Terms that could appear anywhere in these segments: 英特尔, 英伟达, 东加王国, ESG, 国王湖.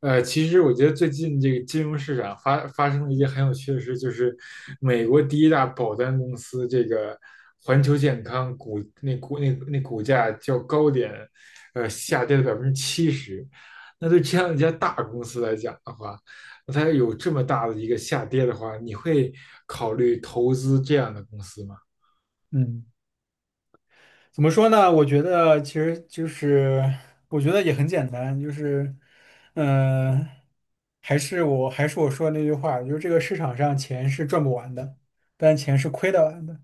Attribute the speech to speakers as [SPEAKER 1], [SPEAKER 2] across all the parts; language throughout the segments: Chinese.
[SPEAKER 1] 其实我觉得最近这个金融市场发生了一件很有趣的事，就是美国第一大保单公司这个环球健康股那股价较高点，下跌了70%。那对这样一家大公司来讲的话，那它有这么大的一个下跌的话，你会考虑投资这样的公司吗？
[SPEAKER 2] 嗯，怎么说呢？我觉得其实就是，我觉得也很简单，就是，嗯、还是我说的那句话，就是这个市场上钱是赚不完的，但钱是亏得完的。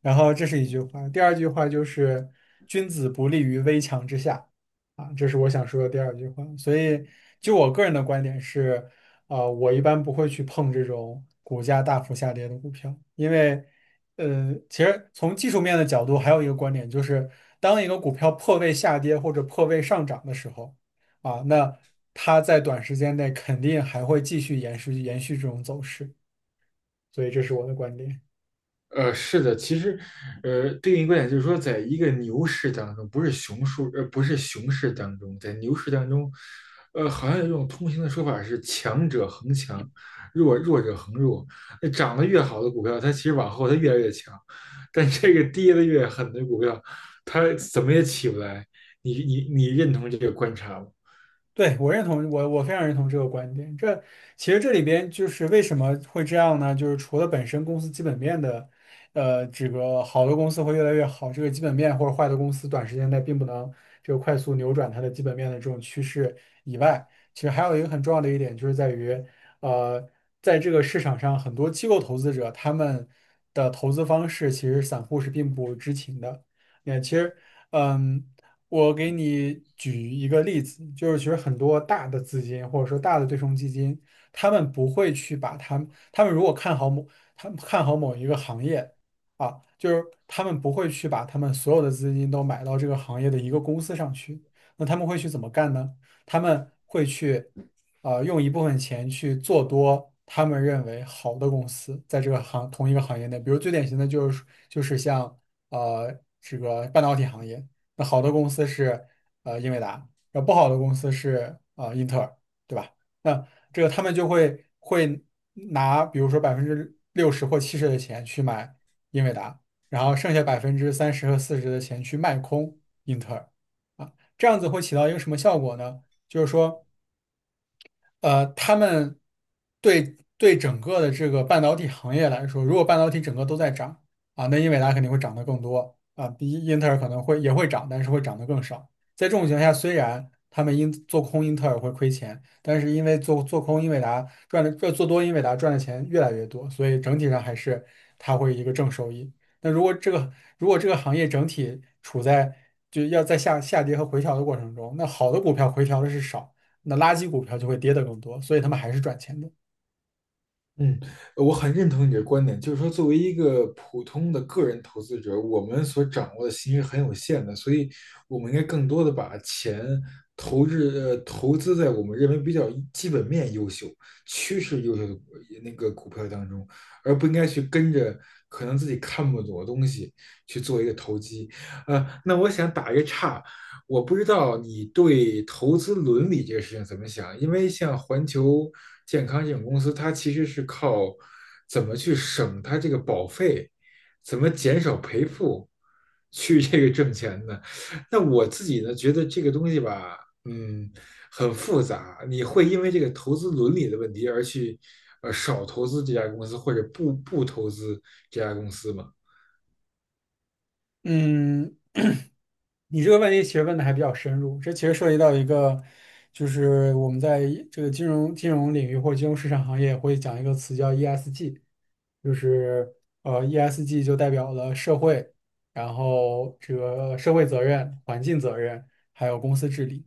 [SPEAKER 2] 然后这是一句话，第二句话就是"君子不立于危墙之下"，啊，这是我想说的第二句话。所以，就我个人的观点是，我一般不会去碰这种股价大幅下跌的股票，因为，其实从技术面的角度，还有一个观点就是，当一个股票破位下跌或者破位上涨的时候，啊，那它在短时间内肯定还会继续延续这种走势。所以，这是我的观点。
[SPEAKER 1] 是的，其实，对应观点就是说，在一个牛市当中，不是熊市，呃，不是熊市当中，在牛市当中，好像有一种通行的说法是强者恒强，弱者恒弱。那涨得越好的股票，它其实往后它越来越强，但这个跌得越狠的股票，它怎么也起不来。你认同这个观察吗？
[SPEAKER 2] 对，我认同，我非常认同这个观点。这其实这里边就是为什么会这样呢？就是除了本身公司基本面的，这个好的公司会越来越好，这个基本面或者坏的公司短时间内并不能这个快速扭转它的基本面的这种趋势以外，其实还有一个很重要的一点就是在于，呃，在这个市场上，很多机构投资者他们的投资方式其实散户是并不知情的。也其实，嗯。我给你举一个例子，就是其实很多大的资金或者说大的对冲基金，他们不会去把他们，他们如果看好某，他们看好某一个行业啊，就是他们不会去把他们所有的资金都买到这个行业的一个公司上去。那他们会去怎么干呢？他们会去，用一部分钱去做多他们认为好的公司，在同一个行业内，比如最典型的就是像呃这个半导体行业。那好的公司是英伟达，那不好的公司是英特尔，对吧？那这个他们就会拿比如说60%或70%的钱去买英伟达，然后剩下30%和40%的钱去卖空英特尔啊，这样子会起到一个什么效果呢？就是说。他们对整个的这个半导体行业来说，如果半导体整个都在涨啊，那英伟达肯定会涨得更多啊，比英特尔可能会也会涨，但是会涨得更少。在这种情况下，虽然他们因做空英特尔会亏钱，但是因为做空英伟达赚的，做多英伟达赚的钱越来越多，所以整体上还是它会一个正收益。那如果这个行业整体处在就要在下跌和回调的过程中，那好的股票回调的是少。那垃圾股票就会跌得更多，所以他们还是赚钱的。
[SPEAKER 1] 嗯，我很认同你的观点，就是说，作为一个普通的个人投资者，我们所掌握的信息是很有限的，所以我们应该更多的把钱投资在我们认为比较基本面优秀、趋势优秀的那个股票当中，而不应该去跟着可能自己看不懂的东西去做一个投机。那我想打一个岔，我不知道你对投资伦理这个事情怎么想，因为像环球健康这种公司，它其实是靠怎么去省它这个保费，怎么减少赔付，去这个挣钱的。那我自己呢，觉得这个东西吧，嗯，很复杂。你会因为这个投资伦理的问题而去，少投资这家公司或者不投资这家公司吗？
[SPEAKER 2] 嗯，你这个问题其实问的还比较深入，这其实涉及到一个，就是我们在这个金融领域或者金融市场行业会讲一个词叫 ESG,就是ESG 就代表了社会，然后这个社会责任、环境责任，还有公司治理。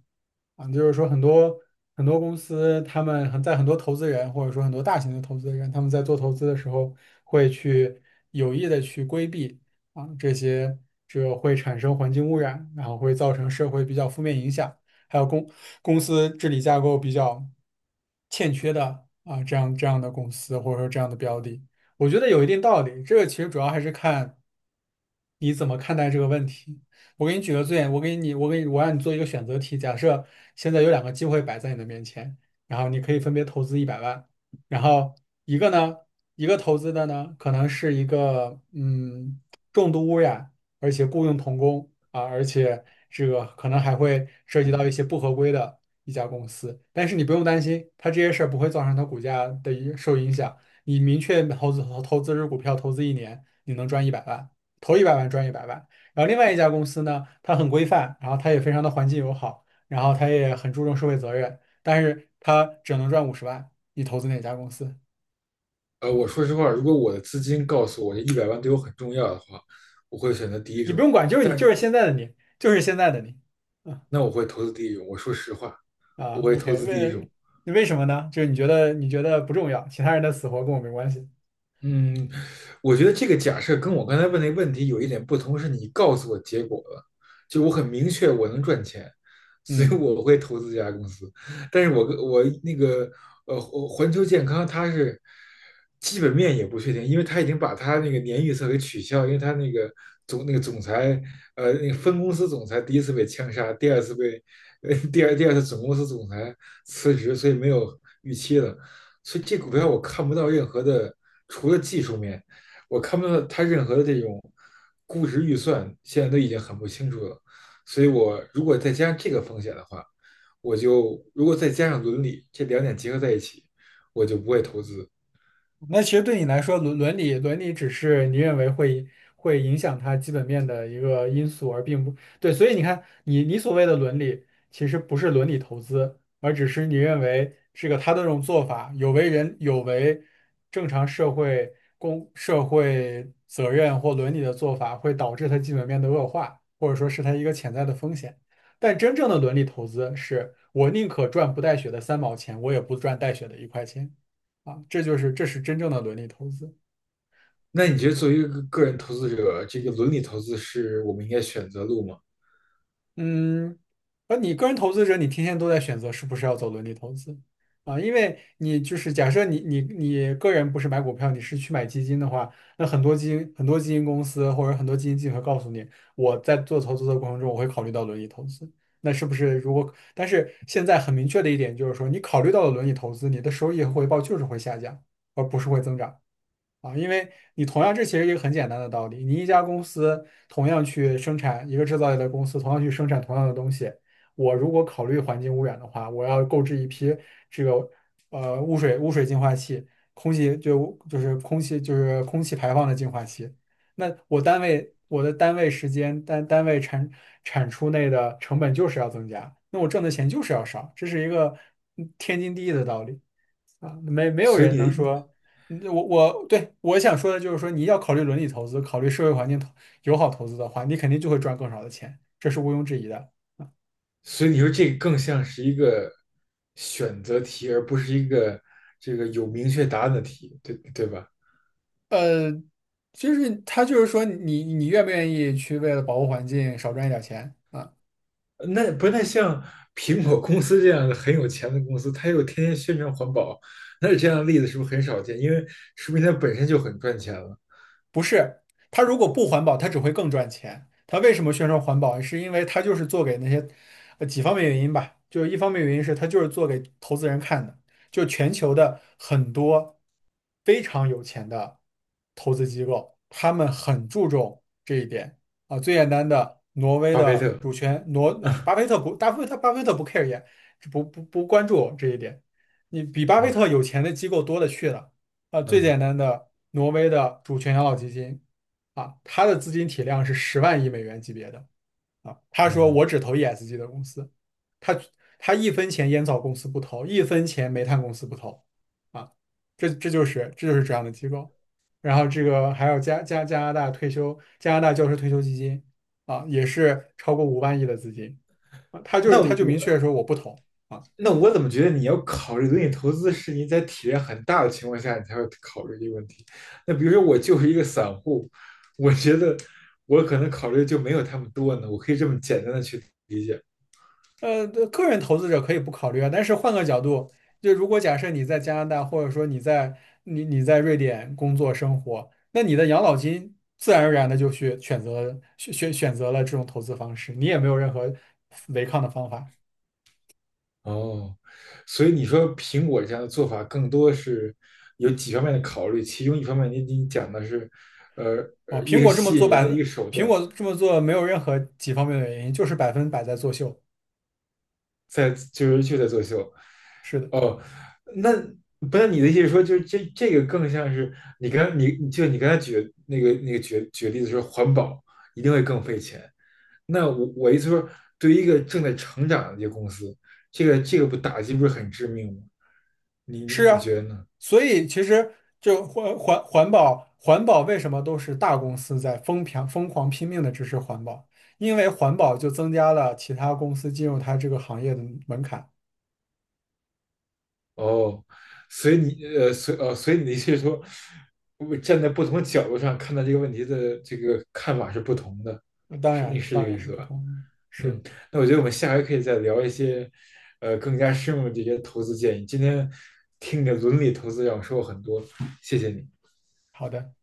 [SPEAKER 2] 啊，就是说很多很多公司，他们很在很多投资人或者说很多大型的投资人，他们在做投资的时候会去有意的去规避啊这些这会产生环境污染，然后会造成社会比较负面影响，还有公司治理架构比较欠缺的啊这样的公司或者说这样的标的，我觉得有一定道理。这个其实主要还是看你怎么看待这个问题。我给你举个最，我让你做一个选择题。假设现在有两个机会摆在你的面前，然后你可以分别投资一百万，然后一个呢，一个投资的呢，可能是一个重度污染，而且雇佣童工啊，而且这个可能还会涉及到一些不合规的一家公司。但是你不用担心，它这些事儿不会造成它股价的一受影响。你明确投资日股票投资一年，你能赚一百万，投一百万赚一百万。然后另外一家公司呢，它很规范，然后它也非常的环境友好，然后它也很注重社会责任，但是它只能赚50万。你投资哪家公司？
[SPEAKER 1] 我说实话，如果我的资金告诉我这100万对我很重要的话，我会选择第一
[SPEAKER 2] 你不
[SPEAKER 1] 种。
[SPEAKER 2] 用管，就是你，就
[SPEAKER 1] 但
[SPEAKER 2] 是现在的你，就是现在的你。啊
[SPEAKER 1] 那我会投资第一种。我说实话，我
[SPEAKER 2] 啊
[SPEAKER 1] 会投
[SPEAKER 2] ，OK,
[SPEAKER 1] 资第一
[SPEAKER 2] 为
[SPEAKER 1] 种，
[SPEAKER 2] 为什么呢？就是你觉得你觉得不重要，其他人的死活跟我没关系。
[SPEAKER 1] 嗯，我觉得这个假设跟我刚才问那个问题有一点不同，是你告诉我结果了，就我很明确我能赚钱，所以
[SPEAKER 2] 嗯。
[SPEAKER 1] 我会投资这家公司。但是我跟我那个环球健康它是基本面也不确定，因为它已经把它那个年预测给取消，因为它那个总裁那个分公司总裁第一次被枪杀，第二次被第二次总公司总裁辞职，所以没有预期了。所以这股票我看不到任何的。除了技术面，我看不到它任何的这种估值预算，现在都已经很不清楚了。所以我如果再加上这个风险的话，我就如果再加上伦理这两点结合在一起，我就不会投资。
[SPEAKER 2] 那其实对你来说，伦理只是你认为会影响它基本面的一个因素，而并不对。所以你看，你所谓的伦理，其实不是伦理投资，而只是你认为这个他的这种做法有违人有违正常社会公社会责任或伦理的做法，会导致它基本面的恶化，或者说是它一个潜在的风险。但真正的伦理投资是我宁可赚不带血的三毛钱，我也不赚带血的一块钱。啊，这就是这是真正的伦理投资。
[SPEAKER 1] 那你觉得作为一个个人投资者，这个伦理投资是我们应该选择路吗？
[SPEAKER 2] 嗯，而你个人投资者，你天天都在选择是不是要走伦理投资啊，因为你就是假设你个人不是买股票，你是去买基金的话，那很多基金很多基金公司或者很多基金经理会告诉你，我在做投资的过程中，我会考虑到伦理投资。那是不是如果？但是现在很明确的一点就是说，你考虑到了伦理投资，你的收益和回报就是会下降，而不是会增长。啊，因为你同样这其实一个很简单的道理，你一家公司同样去生产一个制造业的公司，同样去生产同样的东西，我如果考虑环境污染的话，我要购置一批这个污水净化器、空气就是空气就是空气排放的净化器，那我我的单位时间单位产出内的成本就是要增加，那我挣的钱就是要少，这是一个天经地义的道理。啊，没有
[SPEAKER 1] 所
[SPEAKER 2] 人能
[SPEAKER 1] 以你，
[SPEAKER 2] 说，我想说的就是说，你要考虑伦理投资，考虑社会环境友好投资的话，你肯定就会赚更少的钱，这是毋庸置疑的。
[SPEAKER 1] 所以你说这个更像是一个选择题，而不是一个这个有明确答案的题，对对吧？
[SPEAKER 2] 呃，就是他就是说你愿不愿意去为了保护环境少赚一点钱啊？
[SPEAKER 1] 那不太像苹果公司这样的很有钱的公司，它又天天宣传环保，那这样的例子是不是很少见？因为说明它本身就很赚钱了。
[SPEAKER 2] 不是，它如果不环保，它只会更赚钱。它为什么宣传环保？是因为它就是做给那些，几方面原因吧。就是一方面原因是它就是做给投资人看的，就全球的很多非常有钱的投资机构，他们很注重这一点啊。最简单的，挪威
[SPEAKER 1] 巴菲
[SPEAKER 2] 的
[SPEAKER 1] 特，
[SPEAKER 2] 主权，哎，巴菲特不 care 也不关注这一点。你比巴菲特
[SPEAKER 1] 嗯
[SPEAKER 2] 有钱的机构多了去了。最
[SPEAKER 1] 嗯
[SPEAKER 2] 简单的，挪威的主权养老基金啊，它的资金体量是10万亿美元级别的啊。他说
[SPEAKER 1] 嗯，
[SPEAKER 2] 我只投 ESG 的公司，他他一分钱烟草公司不投，一分钱煤炭公司不投啊。这就是这就是这样的机构。然后这个还有加拿大教师退休基金啊，也是超过5万亿的资金啊。他就
[SPEAKER 1] 那
[SPEAKER 2] 是他就明
[SPEAKER 1] 我
[SPEAKER 2] 确说我不投。啊。
[SPEAKER 1] 那我怎么觉得你要考虑轮你投资是你在体量很大的情况下你才会考虑这个问题？那比如说我就是一个散户，我觉得我可能考虑就没有他们多呢，我可以这么简单的去理解。
[SPEAKER 2] 对个人投资者可以不考虑啊，但是换个角度，就如果假设你在加拿大，或者说你在瑞典工作生活，那你的养老金自然而然的就去选择了这种投资方式，你也没有任何违抗的方法
[SPEAKER 1] 哦，所以你说苹果这样的做法更多是有几方面的考虑，其中一方面你讲的是，呃，
[SPEAKER 2] 啊。
[SPEAKER 1] 一个吸引人的一个手
[SPEAKER 2] 苹
[SPEAKER 1] 段，
[SPEAKER 2] 果这么做没有任何几方面的原因，就是百分百在作秀。
[SPEAKER 1] 在就是就在作秀。
[SPEAKER 2] 是的。
[SPEAKER 1] 哦，那不是你的意思是说，就是这个更像是你刚才举的那个例子说环保一定会更费钱。那我意思说，对于一个正在成长的这个公司，这个不打击不是很致命吗？你
[SPEAKER 2] 是
[SPEAKER 1] 你你
[SPEAKER 2] 啊，
[SPEAKER 1] 觉得呢？
[SPEAKER 2] 所以其实就环保为什么都是大公司在疯狂疯狂拼命的支持环保？因为环保就增加了其他公司进入它这个行业的门槛。
[SPEAKER 1] 哦，所以你的意思是说，我站在不同的角度上看待这个问题的这个看法是不同的，
[SPEAKER 2] 当
[SPEAKER 1] 是你
[SPEAKER 2] 然，
[SPEAKER 1] 是这
[SPEAKER 2] 当
[SPEAKER 1] 个
[SPEAKER 2] 然
[SPEAKER 1] 意
[SPEAKER 2] 是
[SPEAKER 1] 思
[SPEAKER 2] 不
[SPEAKER 1] 吧？
[SPEAKER 2] 同意。
[SPEAKER 1] 嗯，
[SPEAKER 2] 是
[SPEAKER 1] 那我觉得我们下回可以再聊一些，更加深入的这些投资建议。今天听你的伦理投资让我收获很多，谢谢你。
[SPEAKER 2] 好的。